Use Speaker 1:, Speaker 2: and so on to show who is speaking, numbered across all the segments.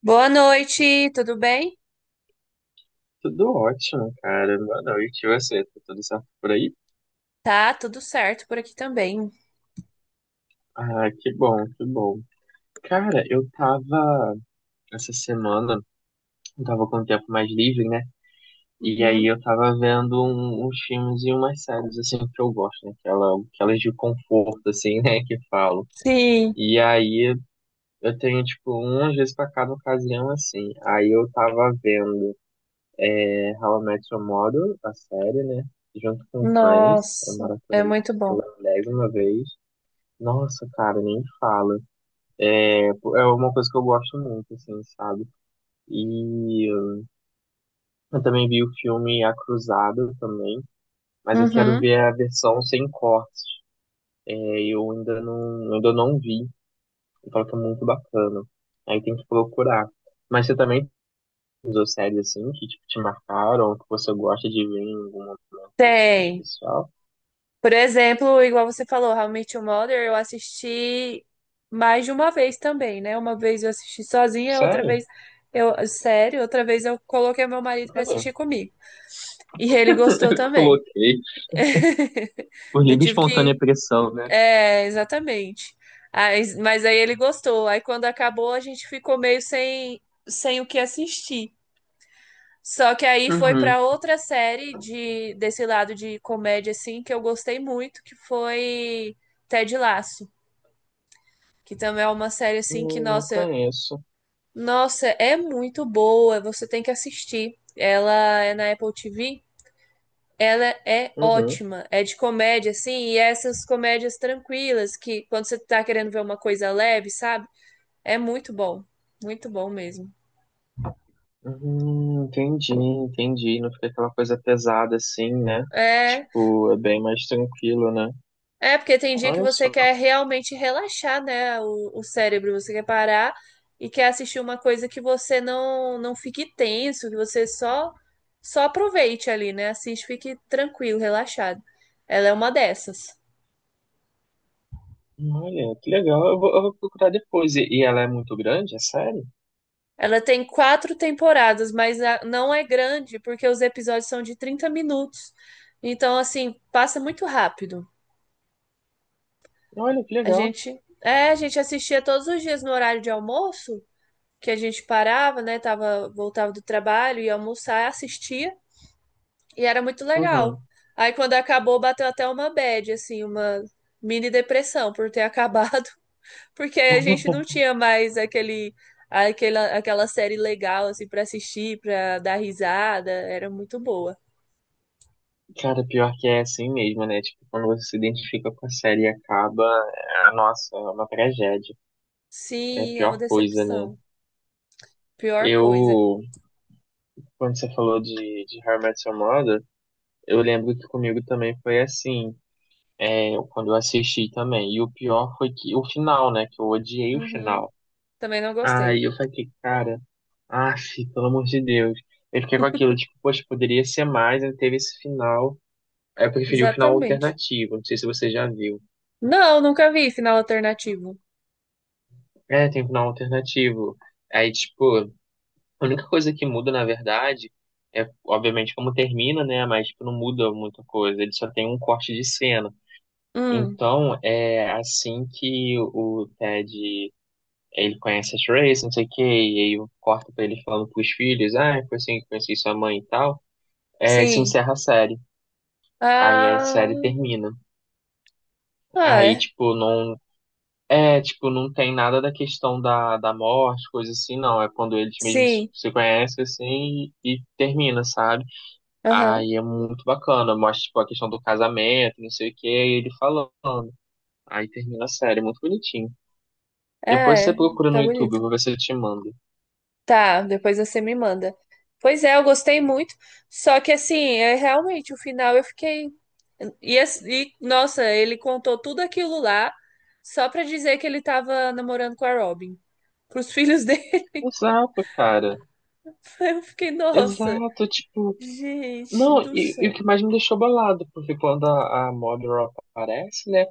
Speaker 1: Boa noite, tudo bem?
Speaker 2: Tudo ótimo, cara. Boa noite. E você? Tá tudo certo por aí?
Speaker 1: Tá, tudo certo por aqui também.
Speaker 2: Ah, que bom, que bom. Cara, eu tava essa semana, eu tava com o tempo mais livre, né? E
Speaker 1: Uhum.
Speaker 2: aí eu tava vendo uns filmes e umas séries, assim, que eu gosto, né? Aquelas de conforto, assim, né? Que falo.
Speaker 1: Sim,
Speaker 2: E aí eu tenho, tipo, umas vezes pra cada ocasião, assim. Aí eu tava vendo, né? How I Met Your Mother, a série, né? Junto com Friends. Eu
Speaker 1: nossa, é
Speaker 2: maratonei
Speaker 1: muito bom.
Speaker 2: pela milésima vez. Nossa, cara, nem fala. É uma coisa que eu gosto muito, assim, sabe? E eu também vi o filme A Cruzada também, mas eu quero
Speaker 1: Uhum.
Speaker 2: ver a versão sem cortes. É, eu ainda não vi. E fala que é muito bacana. Aí tem que procurar. Mas você também usou séries assim que tipo, te marcaram, que você gosta de ver em algum momento assim
Speaker 1: Tem.
Speaker 2: especial?
Speaker 1: Por exemplo, igual você falou, How I Met Your Mother, eu assisti mais de uma vez também, né? Uma vez eu assisti sozinha, outra
Speaker 2: Sério?
Speaker 1: vez eu, sério, outra vez eu coloquei meu marido pra
Speaker 2: Cadê?
Speaker 1: assistir comigo. E ele gostou
Speaker 2: Eu
Speaker 1: também.
Speaker 2: coloquei por
Speaker 1: Eu
Speaker 2: livre e
Speaker 1: tive
Speaker 2: espontânea
Speaker 1: que
Speaker 2: pressão, né?
Speaker 1: é, exatamente. Mas aí ele gostou. Aí quando acabou, a gente ficou meio sem o que assistir. Só que aí foi
Speaker 2: Uhum.
Speaker 1: para outra série de desse lado de comédia assim que eu gostei muito, que foi Ted Lasso, que também é uma série assim que
Speaker 2: Não
Speaker 1: nossa,
Speaker 2: conheço.
Speaker 1: nossa, é muito boa, você tem que assistir. Ela é na Apple TV, ela é
Speaker 2: Uhum.
Speaker 1: ótima. É de comédia assim, e é essas comédias tranquilas que quando você tá querendo ver uma coisa leve, sabe? É muito bom mesmo.
Speaker 2: Uhum, entendi, entendi. Não fica aquela coisa pesada assim, né?
Speaker 1: É,
Speaker 2: Tipo, é bem mais tranquilo, né?
Speaker 1: é porque tem dia que
Speaker 2: Olha
Speaker 1: você
Speaker 2: só.
Speaker 1: quer realmente relaxar, né, o cérebro, você quer parar e quer assistir uma coisa que você não fique tenso, que você só aproveite ali, né? Assiste, fique tranquilo, relaxado. Ela é uma dessas.
Speaker 2: Olha, que legal. Eu vou procurar depois. E ela é muito grande, é sério?
Speaker 1: Ela tem 4 temporadas, mas não é grande, porque os episódios são de 30 minutos. Então, assim, passa muito rápido.
Speaker 2: Olha, que legal.
Speaker 1: A gente assistia todos os dias no horário de almoço que a gente parava, né? Tava, voltava do trabalho, ia almoçar, assistia, e era muito
Speaker 2: Uhum.
Speaker 1: legal. Aí quando acabou, bateu até uma bad, assim, uma mini depressão por ter acabado, porque aí a gente não tinha mais aquela série legal, assim, pra assistir, pra dar risada, era muito boa.
Speaker 2: Cara, pior que é assim mesmo, né? Tipo, quando você se identifica com a série e acaba, é, nossa, é uma tragédia. É a
Speaker 1: Sim, é uma
Speaker 2: pior coisa, né?
Speaker 1: decepção. Pior coisa.
Speaker 2: Eu, quando você falou de How I Met Your Mother, eu lembro que comigo também foi assim. Eu, quando eu assisti também. E o pior foi que o final, né? Que eu odiei o
Speaker 1: Uhum.
Speaker 2: final.
Speaker 1: Também não gostei.
Speaker 2: Aí eu falei, cara, ah, pelo amor de Deus. Eu fiquei com aquilo, tipo, poxa, poderia ser mais, né? Teve esse final. Aí eu preferi o final
Speaker 1: Exatamente.
Speaker 2: alternativo, não sei se você já viu.
Speaker 1: Não, nunca vi final alternativo.
Speaker 2: É, tem um final alternativo. Aí, tipo, a única coisa que muda, na verdade, é, obviamente, como termina, né? Mas, tipo, não muda muita coisa. Ele só tem um corte de cena.
Speaker 1: Hum,
Speaker 2: Então, é assim que o Ted ele conhece a Trace, não sei o que e aí eu corto pra ele falando pros filhos, ah, foi assim que conheci sua mãe e tal. É, e se
Speaker 1: sim.
Speaker 2: encerra a série. Aí a
Speaker 1: Ah.
Speaker 2: série termina.
Speaker 1: Ah,
Speaker 2: Aí,
Speaker 1: é.
Speaker 2: tipo, não. É, tipo, não tem nada da questão da morte, coisa assim, não. É quando eles mesmos
Speaker 1: Sim.
Speaker 2: se conhecem, assim, e termina, sabe?
Speaker 1: Aham.
Speaker 2: Aí é muito bacana. Mostra, tipo, a questão do casamento, não sei o que e ele falando. Aí termina a série, muito bonitinho.
Speaker 1: É,
Speaker 2: Depois você
Speaker 1: é.
Speaker 2: procura no
Speaker 1: Fica
Speaker 2: YouTube,
Speaker 1: bonito.
Speaker 2: eu vou ver se eu te mando.
Speaker 1: Tá, depois você me manda. Pois é, eu gostei muito. Só que assim, é realmente o final eu fiquei. E, nossa, ele contou tudo aquilo lá só pra dizer que ele tava namorando com a Robin. Pros filhos dele.
Speaker 2: Exato, cara.
Speaker 1: Eu fiquei, nossa,
Speaker 2: Exato, tipo,
Speaker 1: gente
Speaker 2: não,
Speaker 1: do
Speaker 2: e o
Speaker 1: céu.
Speaker 2: que mais me deixou bolado, porque quando a Modern aparece, né,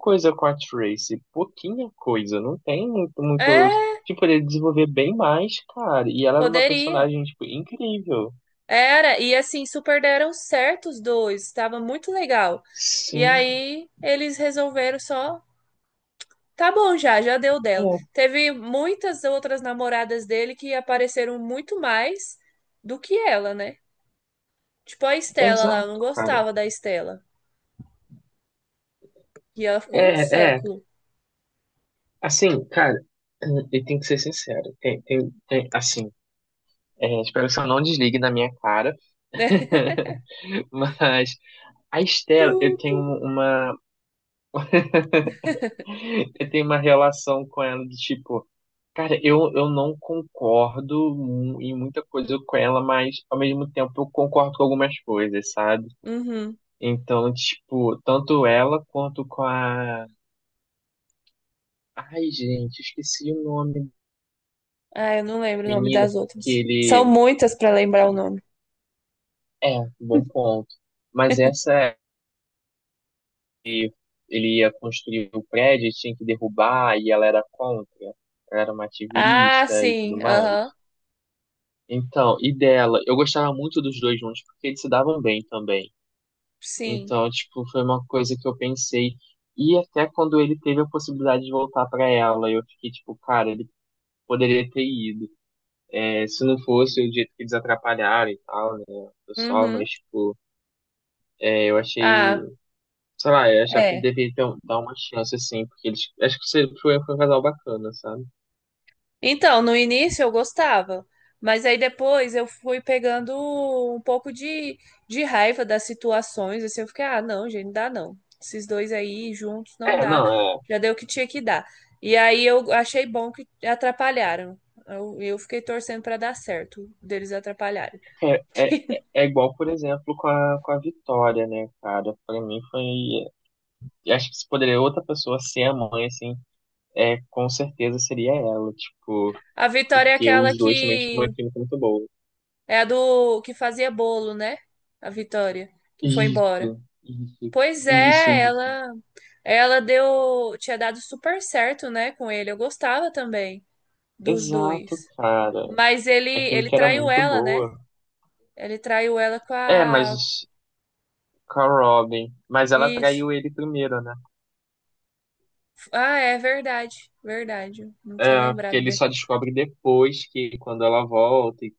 Speaker 2: coisa com a Tracy, pouquinha coisa, não tem muitos,
Speaker 1: É,
Speaker 2: tipo, ele desenvolver bem mais, cara, e ela era uma
Speaker 1: poderia.
Speaker 2: personagem, tipo, incrível.
Speaker 1: Era. E assim, super deram certo os dois. Tava muito legal. E
Speaker 2: Sim,
Speaker 1: aí, eles resolveram só. Tá bom, já, já deu dela.
Speaker 2: é,
Speaker 1: Teve muitas outras namoradas dele que apareceram muito mais do que ela, né? Tipo a Estela lá, eu não
Speaker 2: exato, cara.
Speaker 1: gostava da Estela. E ela ficou um
Speaker 2: É,
Speaker 1: século,
Speaker 2: assim, cara, e tem que ser sincero, tem, assim, é, espero que você não desligue na minha cara,
Speaker 1: né?
Speaker 2: mas a
Speaker 1: Tu,
Speaker 2: Estela,
Speaker 1: tu.
Speaker 2: eu tenho uma relação com ela de tipo, cara, eu não concordo em muita coisa com ela, mas ao mesmo tempo eu concordo com algumas coisas, sabe?
Speaker 1: Uhum.
Speaker 2: Então, tipo, tanto ela quanto com a. Ai, gente, esqueci o nome do
Speaker 1: Ah, eu não lembro o nome
Speaker 2: menino
Speaker 1: das
Speaker 2: que
Speaker 1: outras. São
Speaker 2: ele.
Speaker 1: muitas pra lembrar o
Speaker 2: Que...
Speaker 1: nome.
Speaker 2: É, bom ponto. Mas essa, ele ia construir o prédio, tinha que derrubar, e ela era contra. Ela era uma
Speaker 1: Ah,
Speaker 2: ativista e tudo
Speaker 1: sim. Aham.
Speaker 2: mais. Então, e dela, eu gostava muito dos dois juntos porque eles se davam bem também.
Speaker 1: Sim.
Speaker 2: Então, tipo, foi uma coisa que eu pensei. E até quando ele teve a possibilidade de voltar pra ela, eu fiquei tipo, cara, ele poderia ter ido. É, se não fosse o jeito que eles atrapalharam e tal, né, o pessoal,
Speaker 1: Uhum.
Speaker 2: mas tipo, é, eu achei,
Speaker 1: Ah,
Speaker 2: sei lá, eu achava que
Speaker 1: é.
Speaker 2: deveria ter, um, dar uma chance assim, porque eles, acho que foi, foi um casal bacana, sabe?
Speaker 1: Então, no início eu gostava, mas aí depois eu fui pegando um pouco de raiva das situações, assim, eu fiquei, ah, não, gente, não dá não. Esses dois aí juntos não
Speaker 2: É,
Speaker 1: dá,
Speaker 2: não, é,
Speaker 1: já deu o que tinha que dar. E aí eu achei bom que atrapalharam. Eu fiquei torcendo pra dar certo deles atrapalharem.
Speaker 2: é, é, é igual, por exemplo, com a Vitória, né, cara? Pra mim foi. Eu acho que se poderia outra pessoa ser a mãe, assim, é, com certeza seria ela, tipo,
Speaker 1: A Vitória é
Speaker 2: porque
Speaker 1: aquela
Speaker 2: os dois também tinham uma
Speaker 1: que
Speaker 2: química muito boa.
Speaker 1: é a do que fazia bolo, né? A Vitória, que foi embora.
Speaker 2: Isso,
Speaker 1: Pois é,
Speaker 2: isso.
Speaker 1: ela deu, tinha dado super certo, né, com ele. Eu gostava também dos
Speaker 2: Exato,
Speaker 1: dois.
Speaker 2: cara.
Speaker 1: Mas ele
Speaker 2: A
Speaker 1: ele
Speaker 2: química era
Speaker 1: traiu
Speaker 2: muito
Speaker 1: ela, né?
Speaker 2: boa.
Speaker 1: Ele traiu ela com
Speaker 2: É, mas
Speaker 1: a
Speaker 2: com a Robin. Mas ela
Speaker 1: isso.
Speaker 2: traiu ele primeiro, né?
Speaker 1: Ah, é verdade. Verdade. Não tinha
Speaker 2: É, porque
Speaker 1: lembrado
Speaker 2: ele
Speaker 1: dele.
Speaker 2: só descobre depois que quando ela volta. E-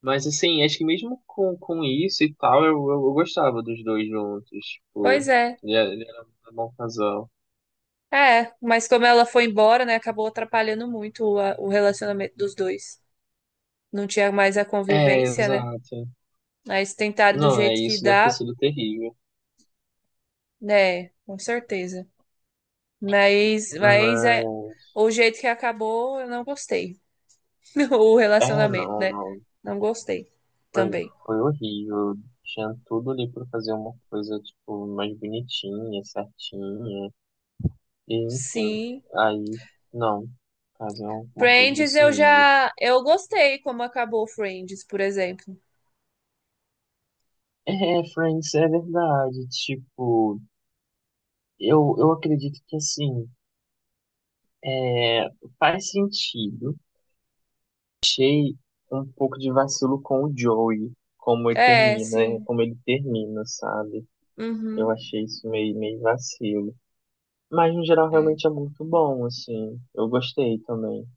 Speaker 2: Mas assim, acho que mesmo com isso e tal, eu gostava dos dois juntos. Tipo,
Speaker 1: Pois é.
Speaker 2: ele era um bom casal.
Speaker 1: É, mas como ela foi embora, né, acabou atrapalhando muito o relacionamento dos dois. Não tinha mais a
Speaker 2: É,
Speaker 1: convivência, né?
Speaker 2: exato.
Speaker 1: Mas tentaram do
Speaker 2: Não, é
Speaker 1: jeito que
Speaker 2: isso, deve ter
Speaker 1: dá,
Speaker 2: sido terrível.
Speaker 1: né? Com certeza. Mas é,
Speaker 2: Mas,
Speaker 1: o jeito que acabou, eu não gostei. O
Speaker 2: é,
Speaker 1: relacionamento,
Speaker 2: não,
Speaker 1: né?
Speaker 2: não.
Speaker 1: Não gostei
Speaker 2: Foi,
Speaker 1: também.
Speaker 2: foi horrível. Tinha tudo ali pra fazer uma coisa, tipo, mais bonitinha, certinha. E, enfim,
Speaker 1: Sim.
Speaker 2: aí, não. Fazer uma coisa
Speaker 1: Friends,
Speaker 2: desse
Speaker 1: eu
Speaker 2: nível.
Speaker 1: já. Eu gostei como acabou Friends, por exemplo.
Speaker 2: É, Friends, é verdade. Tipo, eu acredito que, assim, é faz sentido achei um pouco de vacilo com o Joey, como ele
Speaker 1: É,
Speaker 2: termina, é,
Speaker 1: sim.
Speaker 2: como ele termina, sabe? Eu
Speaker 1: Uhum.
Speaker 2: achei isso meio, meio vacilo. Mas no geral
Speaker 1: É.
Speaker 2: realmente é muito bom, assim. Eu gostei também.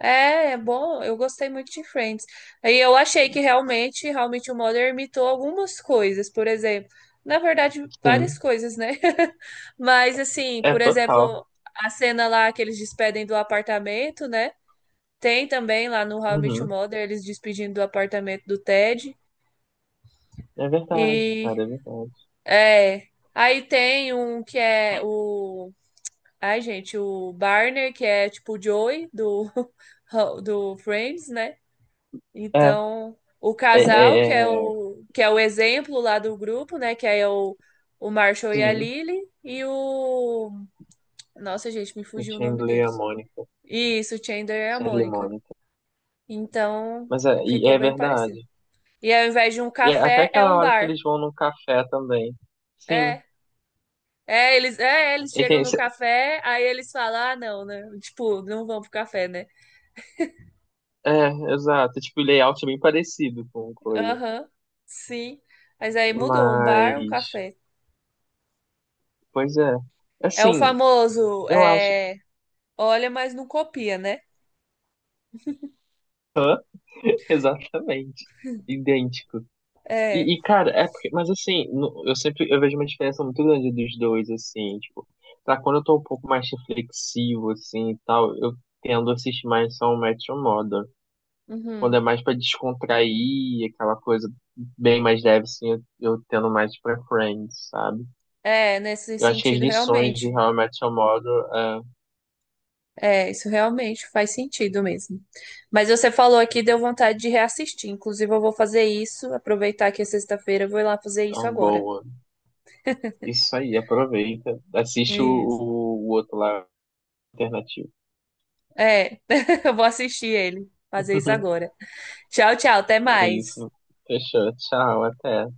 Speaker 1: É, é bom. Eu gostei muito de Friends. Aí eu achei que realmente o Mulder imitou algumas coisas, por exemplo, na verdade, várias
Speaker 2: Sim,
Speaker 1: coisas, né? Mas assim,
Speaker 2: é
Speaker 1: por
Speaker 2: total.
Speaker 1: exemplo, a cena lá que eles despedem do apartamento, né? Tem também lá no How I Met Your
Speaker 2: Uhum.
Speaker 1: Mother eles despedindo do apartamento do Ted
Speaker 2: É verdade,
Speaker 1: e
Speaker 2: cara, é verdade.
Speaker 1: é, aí tem um que é o ai, gente, o Barney, que é tipo o Joey do do Friends, né?
Speaker 2: É,
Speaker 1: Então, o
Speaker 2: é,
Speaker 1: casal, que é
Speaker 2: é, é,
Speaker 1: que é o exemplo lá do grupo, né? Que aí é o Marshall e a
Speaker 2: sim,
Speaker 1: Lily. E o. Nossa, gente, me
Speaker 2: o
Speaker 1: fugiu o nome
Speaker 2: Chandler e a
Speaker 1: deles.
Speaker 2: Mônica.
Speaker 1: Isso, o Chandler e a
Speaker 2: Chandler e
Speaker 1: Mônica.
Speaker 2: Mônica.
Speaker 1: Então,
Speaker 2: Mas é, e
Speaker 1: ficou
Speaker 2: é
Speaker 1: bem
Speaker 2: verdade.
Speaker 1: parecido. E ao invés de um
Speaker 2: E é até
Speaker 1: café, é
Speaker 2: aquela
Speaker 1: um
Speaker 2: hora que
Speaker 1: bar.
Speaker 2: eles vão no café também. Sim.
Speaker 1: É. É, eles
Speaker 2: E
Speaker 1: chegam
Speaker 2: tem-
Speaker 1: no café, aí eles falam, ah, não, né? Tipo, não vão pro café, né?
Speaker 2: É, exato. Tipo, o layout é bem parecido com coisa.
Speaker 1: Aham, sim. Mas aí mudou, um bar, um
Speaker 2: Mas,
Speaker 1: café.
Speaker 2: pois é.
Speaker 1: É o
Speaker 2: Assim,
Speaker 1: famoso,
Speaker 2: eu acho
Speaker 1: é, olha, mas não copia, né?
Speaker 2: exatamente idêntico.
Speaker 1: É,
Speaker 2: E, cara, é porque, mas assim, no- eu sempre eu vejo uma diferença muito grande dos dois, assim, tipo, pra quando eu tô um pouco mais reflexivo, assim, e tal, eu tendo a assistir mais só o Metro Modern. Quando
Speaker 1: uhum.
Speaker 2: é mais pra descontrair, aquela coisa bem mais leve, assim, eu tendo mais pra Friends, sabe?
Speaker 1: É, nesse
Speaker 2: Eu acho que as
Speaker 1: sentido,
Speaker 2: lições de
Speaker 1: realmente.
Speaker 2: How I Met Your Mother é,
Speaker 1: É, isso realmente faz sentido mesmo. Mas você falou aqui, deu vontade de reassistir. Inclusive, eu vou fazer isso, aproveitar que é sexta-feira, eu vou ir lá fazer
Speaker 2: é
Speaker 1: isso
Speaker 2: uma
Speaker 1: agora.
Speaker 2: boa. Isso aí, aproveita. Assiste
Speaker 1: Isso.
Speaker 2: o outro lá, alternativo.
Speaker 1: É, eu vou assistir ele, fazer isso agora. Tchau, tchau, até
Speaker 2: É
Speaker 1: mais.
Speaker 2: isso. Fechou. Tchau, até.